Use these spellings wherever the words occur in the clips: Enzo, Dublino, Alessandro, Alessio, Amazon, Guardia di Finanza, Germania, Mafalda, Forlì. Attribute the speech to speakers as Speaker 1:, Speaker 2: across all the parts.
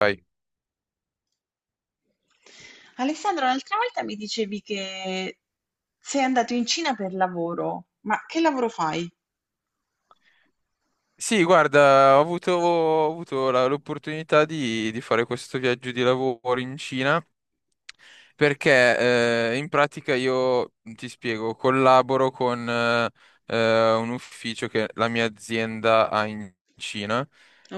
Speaker 1: Vai.
Speaker 2: Alessandro, l'altra volta mi dicevi che sei andato in Cina per lavoro, ma che lavoro fai?
Speaker 1: Sì, guarda, ho avuto l'opportunità di fare questo viaggio di lavoro in Cina. Perché in pratica io ti spiego, collaboro con un ufficio che la mia azienda ha in Cina.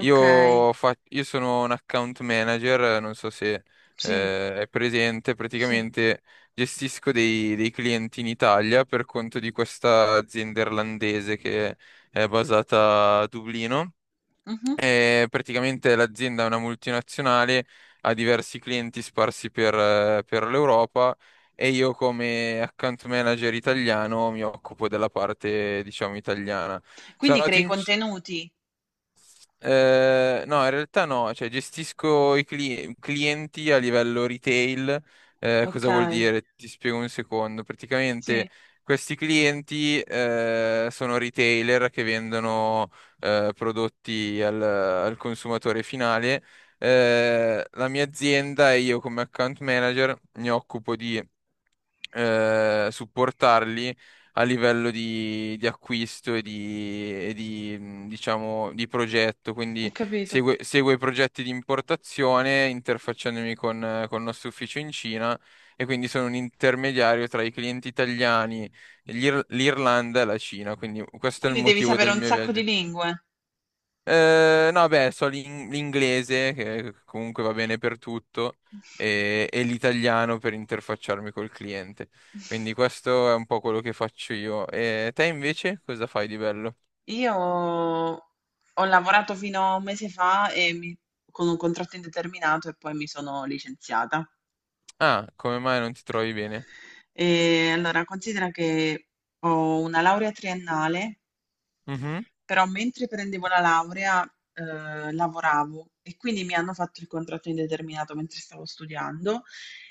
Speaker 2: Ok,
Speaker 1: fa- io sono un account manager, non so se
Speaker 2: sì,
Speaker 1: è presente,
Speaker 2: sì.
Speaker 1: praticamente gestisco dei clienti in Italia per conto di questa azienda irlandese che è basata a Dublino,
Speaker 2: Mhm.
Speaker 1: e praticamente l'azienda è una multinazionale, ha diversi clienti sparsi per l'Europa, e io come account manager italiano mi occupo della parte, diciamo, italiana. Sono
Speaker 2: Quindi
Speaker 1: andato
Speaker 2: crei
Speaker 1: in,
Speaker 2: contenuti.
Speaker 1: no, in realtà no, cioè gestisco i clienti a livello retail.
Speaker 2: Ok,
Speaker 1: Cosa vuol dire? Ti spiego un secondo. Praticamente
Speaker 2: sì,
Speaker 1: questi clienti sono retailer che vendono prodotti al consumatore finale. La mia azienda e io come account manager mi occupo di supportarli a livello di acquisto e di diciamo, di progetto.
Speaker 2: ho
Speaker 1: Quindi
Speaker 2: capito.
Speaker 1: segue i progetti di importazione, interfacciandomi con il nostro ufficio in Cina, e quindi sono un intermediario tra i clienti italiani, l'Irlanda e la Cina. Quindi questo è il
Speaker 2: Quindi devi
Speaker 1: motivo
Speaker 2: sapere
Speaker 1: del
Speaker 2: un
Speaker 1: mio
Speaker 2: sacco
Speaker 1: viaggio.
Speaker 2: di lingue.
Speaker 1: No, beh, so l'inglese, che comunque va bene per tutto, e l'italiano per interfacciarmi col cliente. Quindi questo è un po' quello che faccio io. E te invece cosa fai di bello?
Speaker 2: Io ho lavorato fino a un mese fa e con un contratto indeterminato e poi mi sono licenziata.
Speaker 1: Ah, come mai non ti trovi bene?
Speaker 2: E allora, considera che ho una laurea triennale.
Speaker 1: Mhm.
Speaker 2: Però mentre prendevo la laurea, lavoravo e quindi mi hanno fatto il contratto indeterminato mentre stavo studiando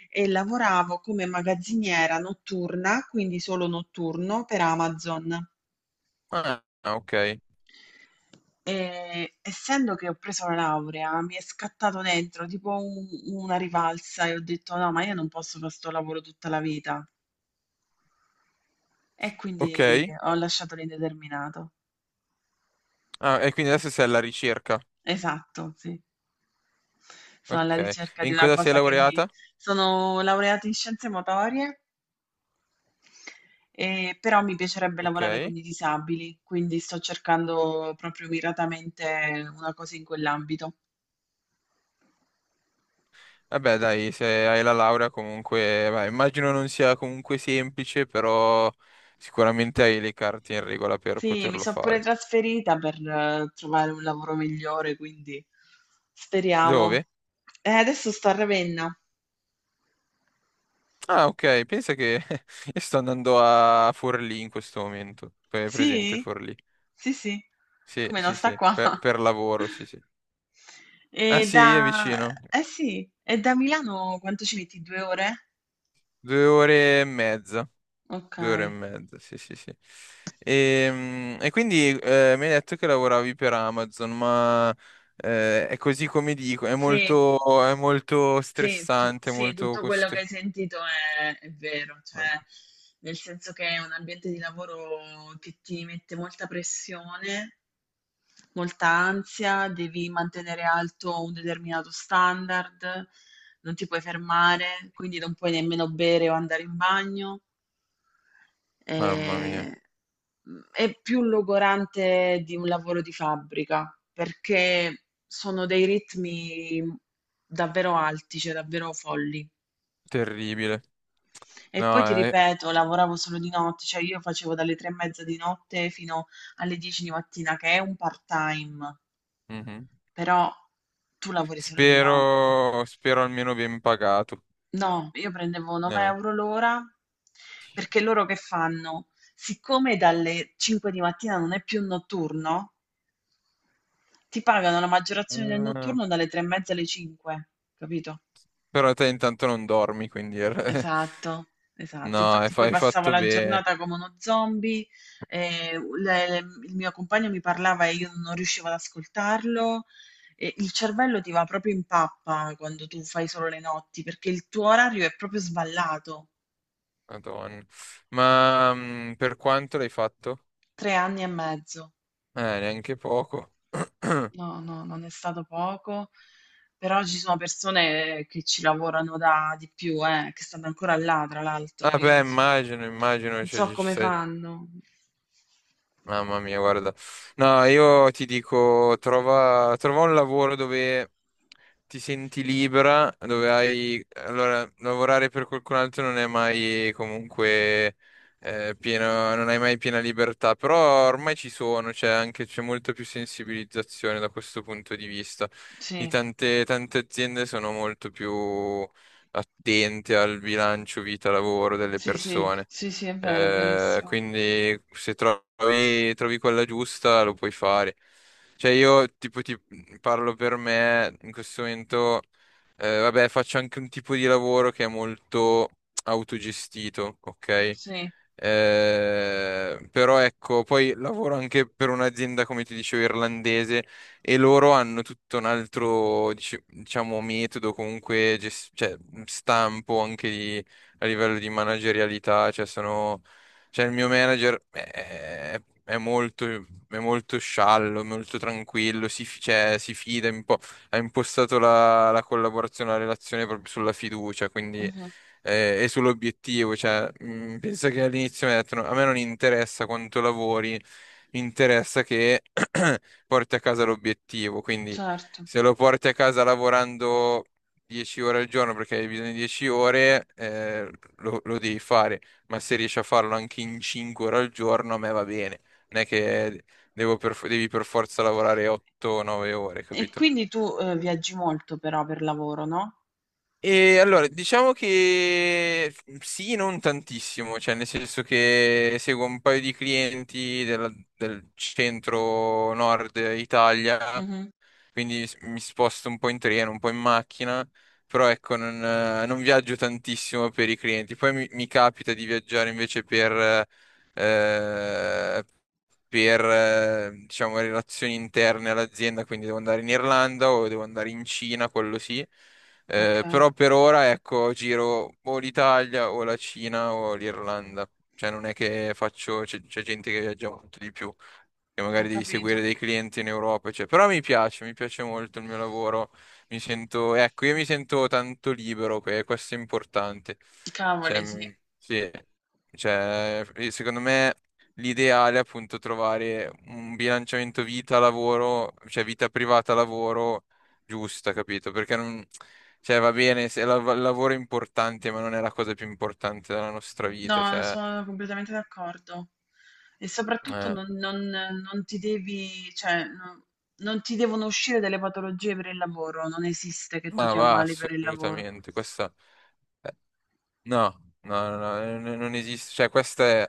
Speaker 2: e lavoravo come magazziniera notturna, quindi solo notturno per Amazon.
Speaker 1: Ah, ah, ok.
Speaker 2: E essendo che ho preso la laurea, mi è scattato dentro tipo una rivalsa e ho detto no, ma io non posso fare sto lavoro tutta la vita. E
Speaker 1: Ok.
Speaker 2: quindi ho lasciato l'indeterminato.
Speaker 1: Ah, e quindi adesso sei alla ricerca.
Speaker 2: Esatto, sì, sono alla
Speaker 1: Ok. E
Speaker 2: ricerca di
Speaker 1: in
Speaker 2: una
Speaker 1: cosa sei
Speaker 2: cosa che mi...
Speaker 1: laureata?
Speaker 2: Sono laureata in scienze motorie, però mi piacerebbe lavorare con
Speaker 1: Ok.
Speaker 2: i disabili, quindi sto cercando proprio miratamente una cosa in quell'ambito.
Speaker 1: Vabbè, dai, se hai la laurea comunque, beh, immagino non sia comunque semplice, però sicuramente hai le carte in regola per
Speaker 2: Sì, mi
Speaker 1: poterlo
Speaker 2: sono pure
Speaker 1: fare.
Speaker 2: trasferita per trovare un lavoro migliore, quindi speriamo.
Speaker 1: Dove?
Speaker 2: Adesso sto a Ravenna.
Speaker 1: Ah, ok, pensa che io sto andando a Forlì in questo momento. È presente
Speaker 2: Sì?
Speaker 1: Forlì?
Speaker 2: Sì, sì,
Speaker 1: Sì,
Speaker 2: come non
Speaker 1: sì,
Speaker 2: sta
Speaker 1: sì,
Speaker 2: qua.
Speaker 1: per lavoro, sì, sì.
Speaker 2: E
Speaker 1: Ah,
Speaker 2: da...
Speaker 1: sì, è vicino.
Speaker 2: Eh sì, e da Milano quanto ci metti? Due ore?
Speaker 1: Due ore e mezza. Due ore e
Speaker 2: Okay.
Speaker 1: mezza, sì, sì, sì. E quindi mi hai detto che lavoravi per Amazon, ma è così come dico, è
Speaker 2: Sì.
Speaker 1: molto, è molto
Speaker 2: Sì,
Speaker 1: stressante, molto
Speaker 2: tutto quello che
Speaker 1: costri-
Speaker 2: hai sentito è vero, cioè nel senso che è un ambiente di lavoro che ti mette molta pressione, molta ansia, devi mantenere alto un determinato standard, non ti puoi fermare, quindi non puoi nemmeno bere o andare in bagno.
Speaker 1: Mamma mia,
Speaker 2: Ehm, è più logorante di un lavoro di fabbrica, perché sono dei ritmi davvero alti, cioè davvero folli.
Speaker 1: terribile.
Speaker 2: E poi ti
Speaker 1: No,
Speaker 2: ripeto, lavoravo solo di notte, cioè io facevo dalle 3 e mezza di notte fino alle 10 di mattina, che è un part-time.
Speaker 1: mhm.
Speaker 2: Però tu lavori solo di notte.
Speaker 1: Spero, spero almeno ben pagato.
Speaker 2: No, io prendevo
Speaker 1: Eh,
Speaker 2: 9 € l'ora. Perché loro che fanno? Siccome dalle 5 di mattina non è più notturno, ti pagano la maggiorazione del
Speaker 1: eh,
Speaker 2: notturno dalle 3 e mezza alle 5, capito?
Speaker 1: Però te intanto non dormi, quindi...
Speaker 2: Esatto, esatto.
Speaker 1: No,
Speaker 2: Infatti poi
Speaker 1: hai
Speaker 2: passavo
Speaker 1: fatto
Speaker 2: la
Speaker 1: bene.
Speaker 2: giornata come uno zombie, eh, le- le- il mio compagno mi parlava e io non riuscivo ad ascoltarlo. E il cervello ti va proprio in pappa quando tu fai solo le notti, perché il tuo orario è proprio sballato.
Speaker 1: Madonna. Ma per quanto l'hai fatto?
Speaker 2: Tre anni e mezzo.
Speaker 1: Neanche poco.
Speaker 2: No, no, non è stato poco, però ci sono persone che ci lavorano da di più, che stanno ancora là, tra l'altro, io
Speaker 1: Vabbè,
Speaker 2: non so,
Speaker 1: immagino, immagino,
Speaker 2: non
Speaker 1: cioè,
Speaker 2: so come fanno.
Speaker 1: Mamma mia, guarda. No, io ti dico, trova, trova un lavoro dove ti senti libera, dove hai... Allora, lavorare per qualcun altro non è mai comunque pieno, non hai mai piena libertà, però ormai ci sono, c'è anche, c'è molta più sensibilizzazione da questo punto di vista. I
Speaker 2: Sì,
Speaker 1: tante, tante aziende sono molto più attente al bilancio vita-lavoro delle
Speaker 2: sì, sì,
Speaker 1: persone.
Speaker 2: sì, sì, è vero, è verissimo.
Speaker 1: Quindi se trovi, trovi quella giusta lo puoi fare. Cioè io tipo ti parlo per me in questo momento, vabbè, faccio anche un tipo di lavoro che è molto autogestito, ok?
Speaker 2: Sì,
Speaker 1: Però ecco, poi lavoro anche per un'azienda, come ti dicevo, irlandese, e loro hanno tutto un altro, diciamo, metodo, comunque, cioè, stampo anche di a livello di managerialità, cioè sono, cioè il mio manager è molto sciallo, molto tranquillo, si, cioè, si fida un po', ha impostato la collaborazione, la relazione proprio sulla fiducia, quindi
Speaker 2: mhm,
Speaker 1: e sull'obiettivo, cioè penso che all'inizio mi ha detto, "No, a me non interessa quanto lavori, mi interessa che porti a casa l'obiettivo, quindi
Speaker 2: certo.
Speaker 1: se lo porti a casa lavorando 10 ore al giorno perché hai bisogno di 10 ore, lo devi fare, ma se riesci a farlo anche in 5 ore al giorno, a me va bene. Non è che devi per forza lavorare 8-9 ore,
Speaker 2: E
Speaker 1: capito?"
Speaker 2: quindi tu viaggi molto però per lavoro, no?
Speaker 1: E allora, diciamo che sì, non tantissimo, cioè nel senso che seguo un paio di clienti del centro nord Italia,
Speaker 2: Mhm,
Speaker 1: quindi mi sposto un po' in treno, un po' in macchina, però ecco, non, non viaggio tantissimo per i clienti. Poi mi capita di viaggiare invece per, eh, diciamo, relazioni interne all'azienda, quindi devo andare in Irlanda o devo andare in Cina, quello sì.
Speaker 2: ok,
Speaker 1: Però per ora, ecco, giro o l'Italia o la Cina o l'Irlanda. Cioè non è che faccio, c'è gente che viaggia molto di più, che
Speaker 2: ho
Speaker 1: magari devi seguire
Speaker 2: capito.
Speaker 1: dei clienti in Europa, cioè, però mi piace molto il mio lavoro, mi sento, ecco, io mi sento tanto libero, questo è importante, cioè,
Speaker 2: Cavoli, sì.
Speaker 1: sì, cioè, secondo me l'ideale è appunto trovare un bilanciamento vita-lavoro, cioè vita privata-lavoro giusta, capito? Perché non, cioè, va bene, se il lavoro è importante, ma non è la cosa più importante della nostra vita,
Speaker 2: No,
Speaker 1: cioè,
Speaker 2: sono completamente d'accordo. E soprattutto
Speaker 1: eh,
Speaker 2: non ti devi, cioè, non, non ti devono uscire delle patologie per il lavoro, non esiste che tu
Speaker 1: ma
Speaker 2: ti
Speaker 1: va
Speaker 2: ammali per il lavoro.
Speaker 1: assolutamente, questa... No, no, no, no, non esiste, cioè questa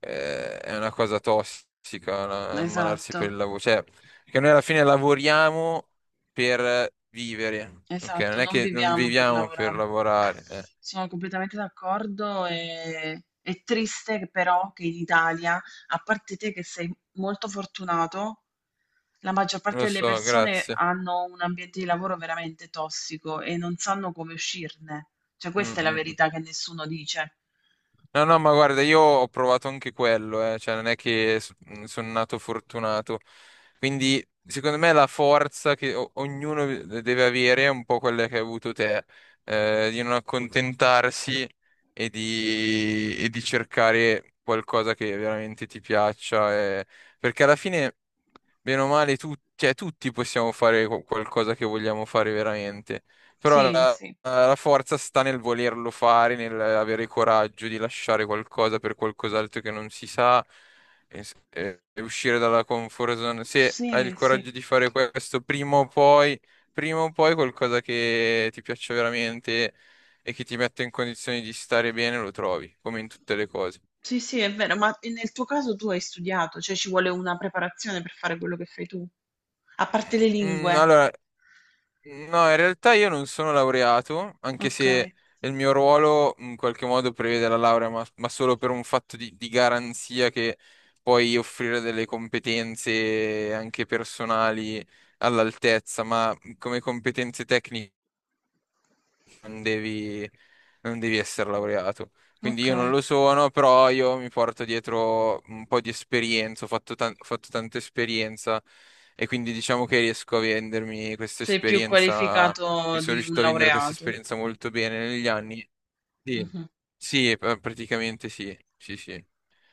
Speaker 1: è una cosa tossica, ammalarsi
Speaker 2: Esatto.
Speaker 1: per il lavoro, cioè, perché noi alla fine lavoriamo per vivere, ok? Non
Speaker 2: Esatto,
Speaker 1: è
Speaker 2: non
Speaker 1: che non
Speaker 2: viviamo per
Speaker 1: viviamo per
Speaker 2: lavorare.
Speaker 1: lavorare, eh.
Speaker 2: Sono completamente d'accordo e è triste che però che in Italia, a parte te che sei molto fortunato, la maggior parte
Speaker 1: Lo
Speaker 2: delle
Speaker 1: so,
Speaker 2: persone
Speaker 1: grazie.
Speaker 2: hanno un ambiente di lavoro veramente tossico e non sanno come uscirne. Cioè,
Speaker 1: Mm,
Speaker 2: questa è la
Speaker 1: mm, mm.
Speaker 2: verità che nessuno dice.
Speaker 1: No, no, ma guarda, io ho provato anche quello, eh. Cioè, non è che sono nato fortunato. Quindi, secondo me, la forza che ognuno deve avere è un po' quella che hai avuto te, di non accontentarsi e di cercare qualcosa che veramente ti piaccia. Perché alla fine, bene o male, cioè, tutti possiamo fare qualcosa che vogliamo fare veramente. Però
Speaker 2: Sì,
Speaker 1: la,
Speaker 2: sì,
Speaker 1: la forza sta nel volerlo fare, nel avere il coraggio di lasciare qualcosa per qualcos'altro che non si sa, e uscire dalla comfort zone. Se hai il
Speaker 2: sì, sì.
Speaker 1: coraggio di fare questo, prima o poi qualcosa che ti piaccia veramente e che ti mette in condizioni di stare bene lo trovi, come in tutte le cose.
Speaker 2: Sì, sì, è vero, ma nel tuo caso tu hai studiato, cioè ci vuole una preparazione per fare quello che fai tu, a parte le lingue.
Speaker 1: Allora, no, in realtà io non sono laureato, anche se
Speaker 2: Okay,
Speaker 1: il mio ruolo in qualche modo prevede la laurea, ma solo per un fatto di garanzia che puoi offrire delle competenze anche personali all'altezza, ma come competenze tecniche non devi, non devi essere laureato. Quindi io non
Speaker 2: okay.
Speaker 1: lo sono, però io mi porto dietro un po' di esperienza, ho fatto tanta esperienza, e quindi diciamo che riesco a vendermi questa
Speaker 2: Sei più
Speaker 1: esperienza, mi
Speaker 2: qualificato
Speaker 1: sono
Speaker 2: di un
Speaker 1: riuscito a vendere questa
Speaker 2: laureato.
Speaker 1: esperienza molto bene negli anni. Sì,
Speaker 2: Mh-mh,
Speaker 1: sì, praticamente sì, sì, sì.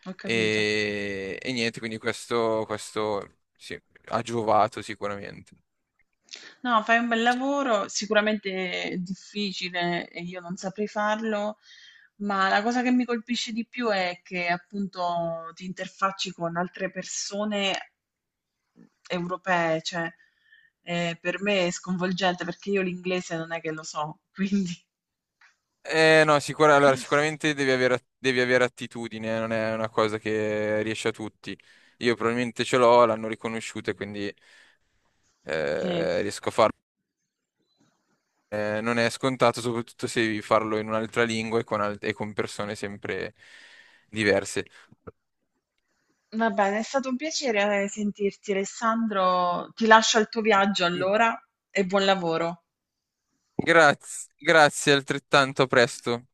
Speaker 2: ho capito.
Speaker 1: E niente, quindi questo sì, ha giovato sicuramente.
Speaker 2: No, fai un bel lavoro, sicuramente è difficile e io non saprei farlo, ma la cosa che mi colpisce di più è che appunto ti interfacci con altre persone europee, cioè, per me è sconvolgente perché io l'inglese non è che lo so, quindi
Speaker 1: No, allora, devi avere attitudine, non è una cosa che riesce a tutti. Io probabilmente ce l'ho, l'hanno riconosciuta, e quindi
Speaker 2: sì.
Speaker 1: riesco a farlo. Non è scontato, soprattutto se devi farlo in un'altra lingua e con, e con persone sempre diverse.
Speaker 2: Va bene, è stato un piacere sentirti, Alessandro. Ti lascio al tuo viaggio allora e buon lavoro.
Speaker 1: Grazie, grazie altrettanto, a presto.